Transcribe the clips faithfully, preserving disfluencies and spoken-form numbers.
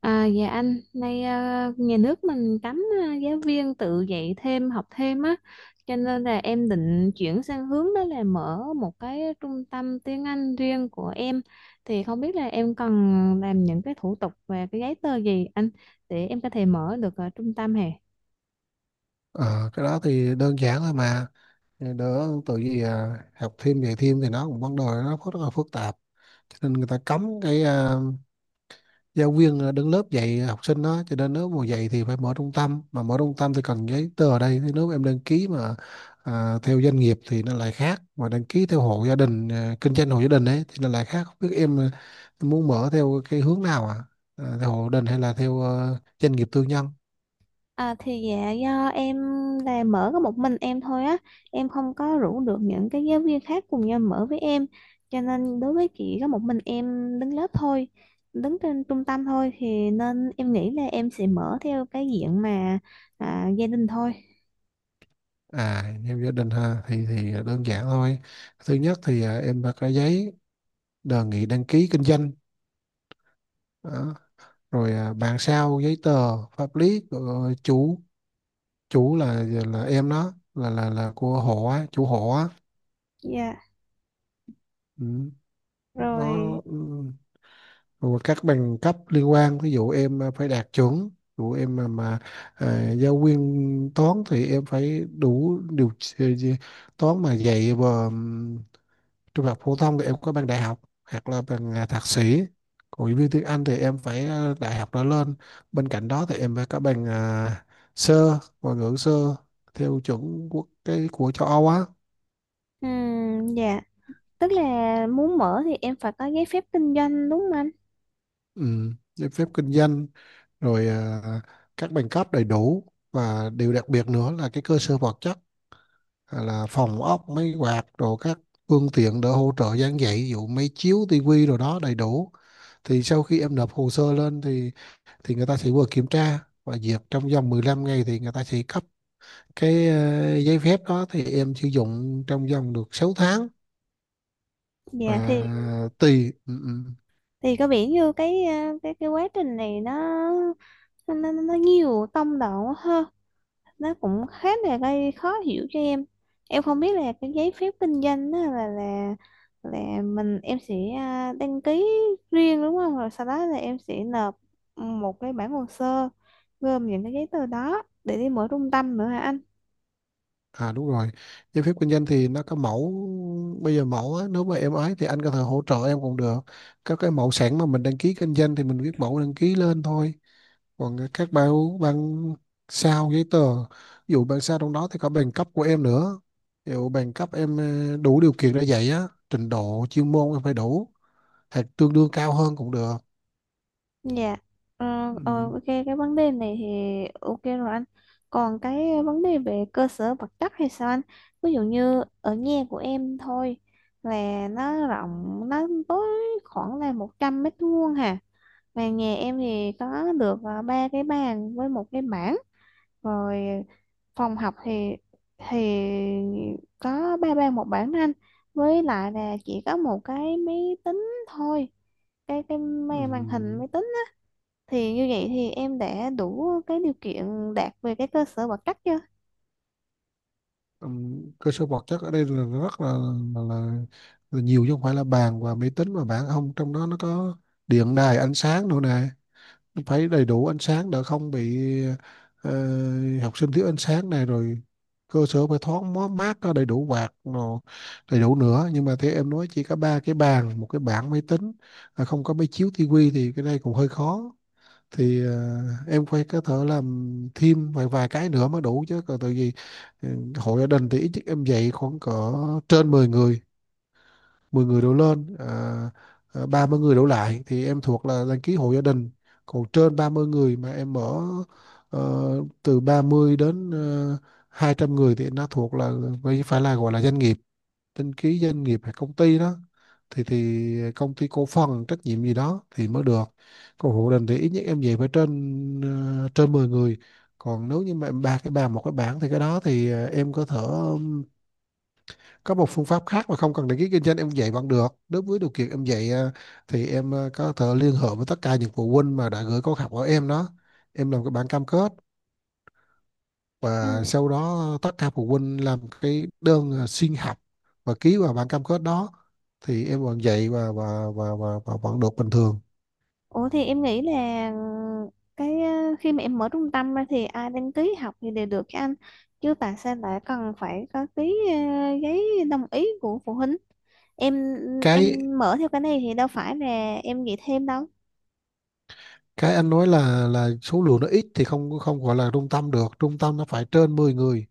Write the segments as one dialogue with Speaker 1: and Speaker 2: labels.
Speaker 1: À, dạ anh, nay ờ, nhà nước mình cấm ờ, giáo viên tự dạy thêm, học thêm á, cho nên là em định chuyển sang hướng đó là mở một cái trung tâm tiếng Anh riêng của em. Thì không biết là em cần làm những cái thủ tục và cái giấy tờ gì anh để em có thể mở được ờ, trung tâm hè?
Speaker 2: Ờ, cái đó thì đơn giản thôi mà. Thì đỡ tự gì à, học thêm dạy thêm thì nó cũng vấn đề nó phức- rất là phức tạp, cho nên người ta cấm cái à, giáo viên ờ, đứng lớp dạy học sinh đó, cho nên nếu mà dạy thì phải mở trung tâm, mà mở trung tâm thì cần giấy tờ ở đây. Thế nếu em đăng ký mà à, theo doanh nghiệp thì nó lại khác, mà đăng ký theo hộ gia đình, à, kinh doanh hộ gia đình ấy thì nó lại khác. Không biết em, à, em muốn mở theo cái hướng nào, à, à theo hộ gia đình hay là theo à, doanh nghiệp tư nhân?
Speaker 1: À, thì dạ do em là mở có một mình em thôi á, em không có rủ được những cái giáo viên khác cùng nhau mở với em, cho nên đối với chị có một mình em đứng lớp thôi, đứng trên trung tâm thôi thì nên em nghĩ là em sẽ mở theo cái diện mà à, gia đình thôi.
Speaker 2: À, theo gia đình ha thì thì đơn giản thôi. Thứ nhất thì à, em phải có giấy đề nghị đăng ký kinh doanh đó. Rồi à, bàn sao giấy tờ pháp lý của chủ chủ là là em đó, là là là của hộ á, chủ hộ á.
Speaker 1: Dạ
Speaker 2: Ừ. Nó
Speaker 1: rồi.
Speaker 2: ừ. Rồi các bằng cấp liên quan, ví dụ em à, phải đạt chuẩn. Ví dụ em mà, mà à, giáo viên toán thì em phải đủ điều toán mà dạy, và trung học phổ thông thì em có bằng đại học hoặc là bằng à, thạc sĩ. Còn giáo viên tiếng Anh thì em phải à, đại học trở lên. Bên cạnh đó thì em phải có bằng à, sơ ngoại ngữ sơ, theo chuẩn quốc cái của châu Âu á.
Speaker 1: Ừm, dạ. Tức là muốn mở thì em phải có giấy phép kinh doanh đúng không anh?
Speaker 2: Ừ, giấy phép kinh doanh, rồi à, các bằng cấp đầy đủ, và điều đặc biệt nữa là cái cơ sở vật chất, à, là phòng ốc máy quạt, rồi các phương tiện để hỗ trợ giảng dạy ví dụ máy chiếu tivi rồi đó đầy đủ. Thì sau khi em nộp hồ sơ lên thì thì người ta sẽ vừa kiểm tra và duyệt, trong vòng mười lăm ngày thì người ta sẽ cấp cái ờ, giấy phép đó, thì em sử dụng trong vòng được sáu tháng. Và
Speaker 1: Dạ. thì
Speaker 2: tùy ừ, ừ.
Speaker 1: thì có vẻ như cái à, cái cái quá trình này nó nó nó, nó nhiều tông độ quá ha, nó cũng khá là gây khó hiểu cho em. Em không biết là cái giấy phép kinh doanh đó là là là mình em sẽ à, đăng ký riêng đúng không, rồi sau đó là em sẽ nộp một cái bản hồ sơ gồm những cái giấy tờ đó để đi mở trung tâm nữa hả anh?
Speaker 2: À đúng rồi, giấy phép kinh doanh thì nó có mẫu, bây giờ mẫu á, nếu mà em ấy thì anh có thể hỗ trợ em cũng được. Các cái mẫu sẵn mà mình đăng ký kinh doanh thì mình viết mẫu đăng ký lên thôi. Còn cái các bạn bạn sao giấy tờ, ví dụ bạn sao trong đó thì có bằng cấp của em nữa. Nếu bằng cấp em ờ, đủ điều kiện để dạy á, trình độ chuyên môn em phải đủ hoặc tương đương cao hơn cũng được.
Speaker 1: Dạ, ờ, ờ,
Speaker 2: Ừm,
Speaker 1: ok cái vấn đề này thì ok rồi anh. Còn cái vấn đề về cơ sở vật chất hay sao anh? Ví dụ như ở nhà của em thôi là nó rộng, nó tối, khoảng là một trăm mét vuông hà. Mà nhà em thì có được ờ, ba cái bàn với một cái bảng. Rồi phòng học thì thì có ba bàn một bảng đó anh. Với lại là chỉ có một cái máy tính thôi. Cái cái màn màn hình
Speaker 2: ừm,
Speaker 1: máy tính thì như vậy thì em đã đủ cái điều kiện đạt về cái cơ sở vật chất chưa?
Speaker 2: ừm, cơ sở vật chất ở đây là rất là, là, là, là nhiều, chứ không phải là bàn và máy tính, mà bạn không trong đó nó có điện đài ánh sáng nữa nè, phải đầy đủ ánh sáng để không bị ờ, học sinh thiếu ánh sáng này, rồi cơ sở phải thoáng mó- mát, có đầy đủ quạt nó đầy đủ nữa. Nhưng mà thế em nói chỉ có ba cái bàn một cái bảng máy tính, à, không có máy chiếu tivi thì cái này cũng hơi khó. Thì ờ, em phải có thể làm thêm vài vài cái nữa mới đủ, chứ còn tại vì ừ, hội gia đình thì ít nhất em dạy khoảng cỡ trên mười người, mười người đổ lên à, à, ba mươi người đổ lại thì em thuộc là đăng ký hộ gia đình. Còn trên ba mươi người mà em mở ờ, từ ba mươi đến ờ, hai trăm người thì nó thuộc là phải phải là gọi là doanh nghiệp, đăng ký doanh nghiệp hay công ty đó, thì thì công ty cổ phần trách nhiệm gì đó thì mới được. Còn hộ gia đình thì ít nhất em về phải trên ờ, trên mười người. Còn nếu như mà em ba cái bàn một cái bảng thì cái đó thì ờ, em có thể có một phương pháp khác mà không cần đăng ký kinh doanh, em dạy vẫn được, nếu với điều kiện em dạy ờ, thì em ờ, có thể liên hệ với tất cả những phụ huynh mà đã gửi con học ở em đó, em làm cái bản cam kết,
Speaker 1: Ừ.
Speaker 2: và sau đó tất cả phụ huynh làm cái đơn ờ, xin học và ký vào bản cam kết đó, thì em vẫn dạy và và và, và, và vẫn được bình thường.
Speaker 1: Ủa thì em nghĩ là ừ, cái ờ, khi mà em mở trung tâm ra thì ai đăng ký học thì đều được cho anh, chứ tại sao lại cần phải có cái ờ, giấy đồng ý của phụ huynh? Em ừ,
Speaker 2: cái
Speaker 1: em mở theo cái này thì đâu phải là em nghĩ thêm đâu.
Speaker 2: cái anh nói là là số lượng nó ít thì không không gọi là trung tâm được, trung tâm nó phải trên mười người,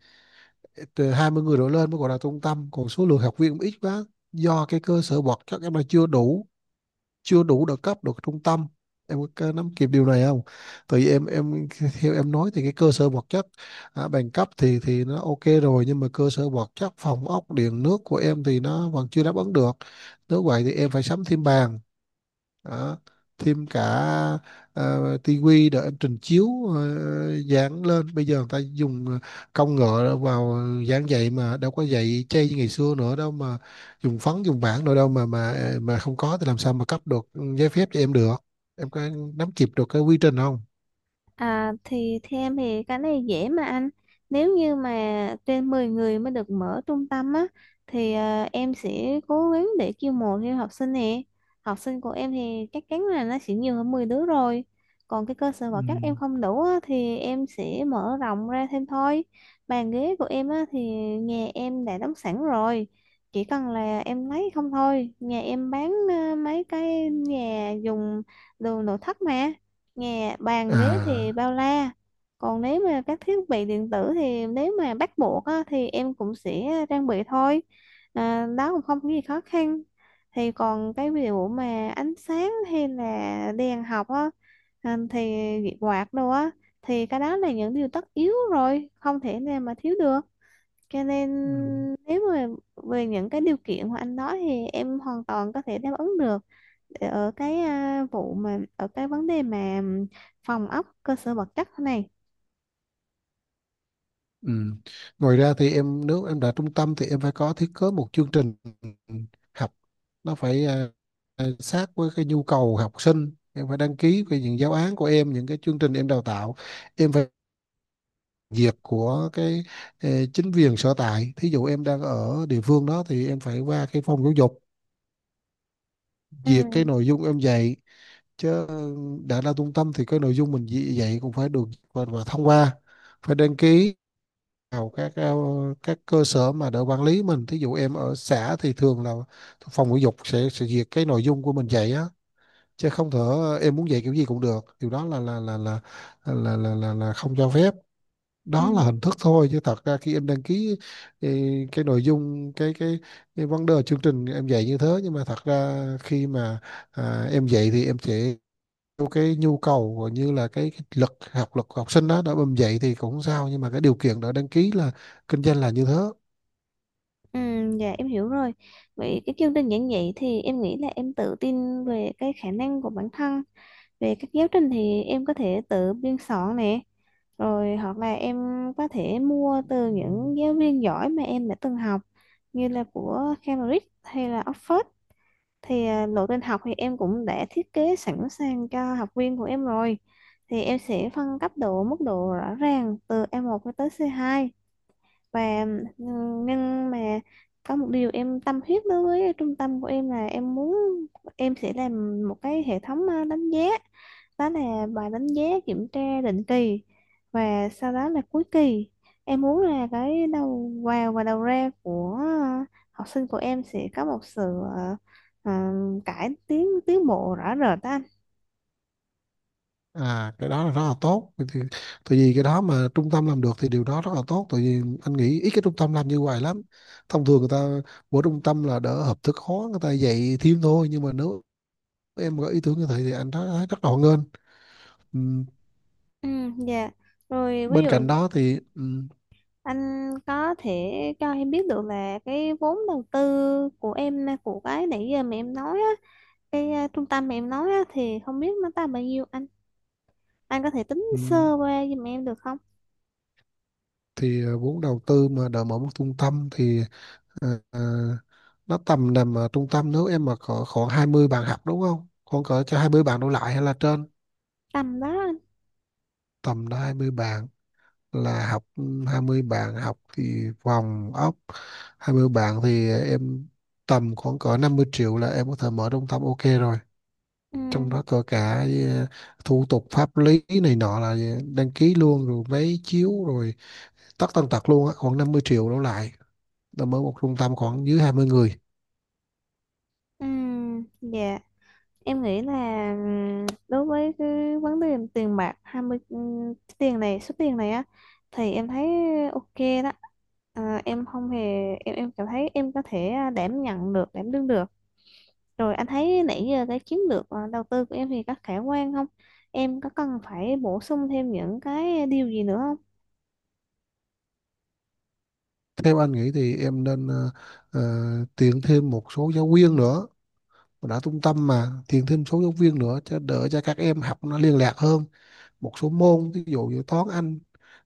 Speaker 2: từ hai mươi người đổ lên mới gọi là trung tâm. Còn số lượng học viên cũng ít quá, do cái cơ sở vật chất em là chưa đủ, chưa đủ được cấp được trung tâm. Em có nắm kịp điều này không? Tại vì em em theo em nói thì cái cơ sở vật chất à, bằng cấp thì thì nó ok rồi, nhưng mà cơ sở vật chất phòng ốc điện nước của em thì nó vẫn chưa đáp ứng được. Nếu vậy thì em phải sắm thêm bàn đó, thêm cả ờ, tivi để em trình chiếu, ờ, dán lên. Bây giờ người ta dùng ờ, công nghệ vào dán vậy, mà đâu có dạy chay như ngày xưa nữa đâu mà dùng phấn dùng bảng nữa đâu. Mà mà ờ, mà không có thì làm sao mà cấp được giấy phép cho em được. Em có nắm kịp được cái quy trình không?
Speaker 1: À, thì theo em thì cái này dễ mà anh. Nếu như mà trên mười người mới được mở trung tâm á, thì à, em sẽ cố gắng để chiêu mộ thêm học sinh nè. Học sinh của em thì chắc chắn là nó sẽ nhiều hơn mười đứa rồi. Còn cái cơ sở
Speaker 2: Ừ.
Speaker 1: vật chất em không đủ á, thì em sẽ mở rộng ra thêm thôi. Bàn ghế của em á, thì nhà em đã đóng sẵn rồi, chỉ cần là em lấy không thôi. Nhà em bán à, mấy cái nhà dùng đồ nội thất mà. Nhà bàn ghế thì
Speaker 2: À
Speaker 1: bao la. Còn nếu mà các thiết bị điện tử thì nếu mà bắt buộc á, thì em cũng sẽ trang bị thôi. À, đó cũng không có gì khó khăn. Thì còn cái ví dụ mà ánh sáng hay là đèn học á, à, thì quạt đồ á, thì cái đó là những điều tất yếu rồi, không thể nào mà thiếu được. Cho nên
Speaker 2: ừ.
Speaker 1: nếu mà về những cái điều kiện của anh nói thì em hoàn toàn có thể đáp ứng được. Để ở cái à, vụ mà ở cái vấn đề mà phòng ốc cơ sở vật chất thế này.
Speaker 2: Ừ. Ngoài ra thì em nếu em đã trung tâm thì em phải có thiết kế một chương trình học, nó phải à, à, sát với cái nhu cầu học sinh. Em phải đăng ký về những giáo án của em, những cái chương trình em đào tạo, em phải duyệt của cái eh, chính quyền sở tại. Thí dụ em đang ở địa phương đó thì em phải qua cái phòng giáo dục
Speaker 1: Ừ.
Speaker 2: duyệt cái nội dung em dạy. Chứ đã là trung tâm thì cái nội dung mình dạy dạy cũng phải được và, và thông qua, phải đăng ký vào các ờ, các cơ sở mà đỡ quản lý mình. Thí dụ em ở xã thì thường là phòng giáo dục sẽ sẽ duyệt cái nội dung của mình dạy á, chứ không thể ờ, em muốn dạy kiểu gì cũng được, điều đó là là là là là là, là, là, không cho phép.
Speaker 1: Ừ.
Speaker 2: Đó là hình thức thôi, chứ thật ra khi em đăng ký ờ, cái nội dung cái cái, cái vấn đề chương trình em dạy như thế, nhưng mà thật ra khi mà à, em dạy thì em sẽ theo cái nhu cầu cũng như là cái, cái lực học lực của học sinh đó đã bầm dậy thì cũng không sao, nhưng mà cái điều kiện đã đăng ký là kinh doanh là như thế.
Speaker 1: Ừ. Dạ em hiểu rồi. Vậy cái chương trình giảng dạy thì em nghĩ là em tự tin về cái khả năng của bản thân. Về các giáo trình thì em có thể tự biên soạn nè, rồi hoặc là em có thể mua từ
Speaker 2: Ừm,
Speaker 1: những giáo viên giỏi mà em đã từng học như là của Cambridge hay là Oxford. Thì à, lộ trình học thì em cũng đã thiết kế sẵn sàng cho học viên của em rồi. Thì em sẽ phân cấp độ mức độ rõ ràng từ e một cho tới xê hai. Và ừ, nhưng mà có một điều em tâm huyết đối với trung tâm của em là em muốn em sẽ làm một cái hệ thống à, đánh giá, đó là bài đánh giá kiểm tra định kỳ và sau đó là cuối kỳ. Em muốn là cái đầu vào và đầu ra của ờ, học sinh của em sẽ có một sự ờ, ờ, cải tiến tiến bộ rõ rệt đó anh.
Speaker 2: à cái đó là rất là tốt. Vậy thì tại vì cái đó mà trung tâm làm được thì điều đó rất là tốt, tại vì anh nghĩ ít cái trung tâm làm như vậy lắm. Thông thường người ta, mỗi trung tâm là đỡ hợp thức hóa người ta dạy thêm thôi, nhưng mà nếu em có ý tưởng như thế thì anh thấy thấy rất là hoan nghênh. Ừm,
Speaker 1: Ừ, dạ rồi. Ví
Speaker 2: bên
Speaker 1: dụ
Speaker 2: cạnh đó thì ừm,
Speaker 1: anh có thể cho em biết được là cái vốn đầu tư của em của cái nãy giờ mà em nói á, cái ờ, trung tâm mà em nói á, thì không biết nó tầm bao nhiêu anh? Anh có thể tính
Speaker 2: ừm,
Speaker 1: sơ qua giùm em được không?
Speaker 2: thì à, vốn đầu tư mà đỡ mở một trung tâm thì ờ, ờ, nó tầm nằm ở trung tâm nếu em mà có khoảng hai mươi bạn học đúng không? Khoảng cỡ cho hai mươi bạn đổ lại hay là trên
Speaker 1: Tầm đó anh.
Speaker 2: tầm đó, hai mươi bạn là học ừ, hai mươi bạn học thì vòng ốc hai mươi bạn thì em tầm khoảng cỡ năm mươi triệu là em có thể mở trung tâm ok rồi.
Speaker 1: Ừ.
Speaker 2: Trong đó có cả ờ, thủ tục pháp lý này nọ là đăng ký luôn, rồi máy chiếu rồi tất tần tật luôn á, khoảng năm mươi triệu đổ lại. Là mở một trung tâm khoảng dưới hai mươi người.
Speaker 1: Ừm, dạ em nghĩ là ừm, đối với cái vấn đề tiền bạc hai mươi ừm, cái tiền này số tiền này á, thì em thấy ok đó. À, em không hề em em cảm thấy em có thể à, đảm nhận được đảm đương được. Rồi anh thấy nãy giờ cái chiến lược à, đầu tư của em thì có khả quan không? Em có cần phải bổ sung thêm những cái điều gì nữa?
Speaker 2: Theo anh nghĩ thì em nên ờ, ờ, tuyển thêm một số giáo viên nữa. Đã trung tâm mà tuyển thêm số giáo viên nữa cho đỡ cho các em học nó liên lạc hơn, một số môn ví dụ như toán anh,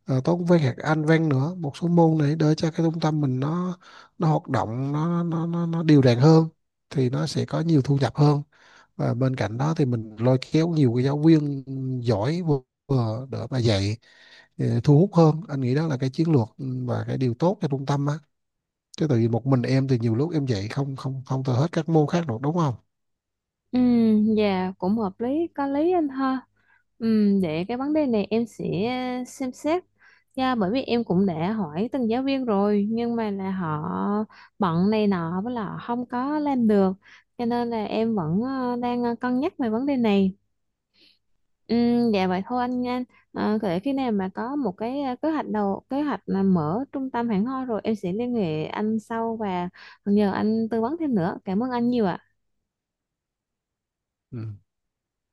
Speaker 2: ờ, toán văn hoặc anh văn nữa, một số môn này đỡ cho cái trung tâm mình nó nó hoạt động nó nó nó, nó đều đặn hơn, thì nó sẽ có nhiều thu nhập hơn. Và bên cạnh đó thì mình lôi kéo nhiều cái giáo viên giỏi, vừa vừa đỡ mà dạy ờ, thu hút hơn. Anh nghĩ đó là cái chiến lược ừ, và cái điều tốt cho trung tâm á, chứ tại vì một mình em thì nhiều lúc em dạy không không không thể hết các môn khác được đúng không?
Speaker 1: Ừ, dạ cũng hợp lý, có lý anh ha. Ừ, để cái vấn đề này em sẽ ờ, xem xét. Dạ, bởi vì em cũng đã hỏi từng giáo viên rồi nhưng mà là họ bận này nọ với là họ không có làm được, cho nên là em vẫn ờ, đang ờ, cân nhắc về vấn đề này. Ừ, dạ vậy thôi anh nha. À, để khi nào mà có một cái ờ, kế hoạch đầu kế hoạch là mở trung tâm hẳn hoi rồi em sẽ liên hệ anh sau và nhờ anh tư vấn thêm nữa. Cảm ơn anh nhiều ạ.
Speaker 2: Ừ.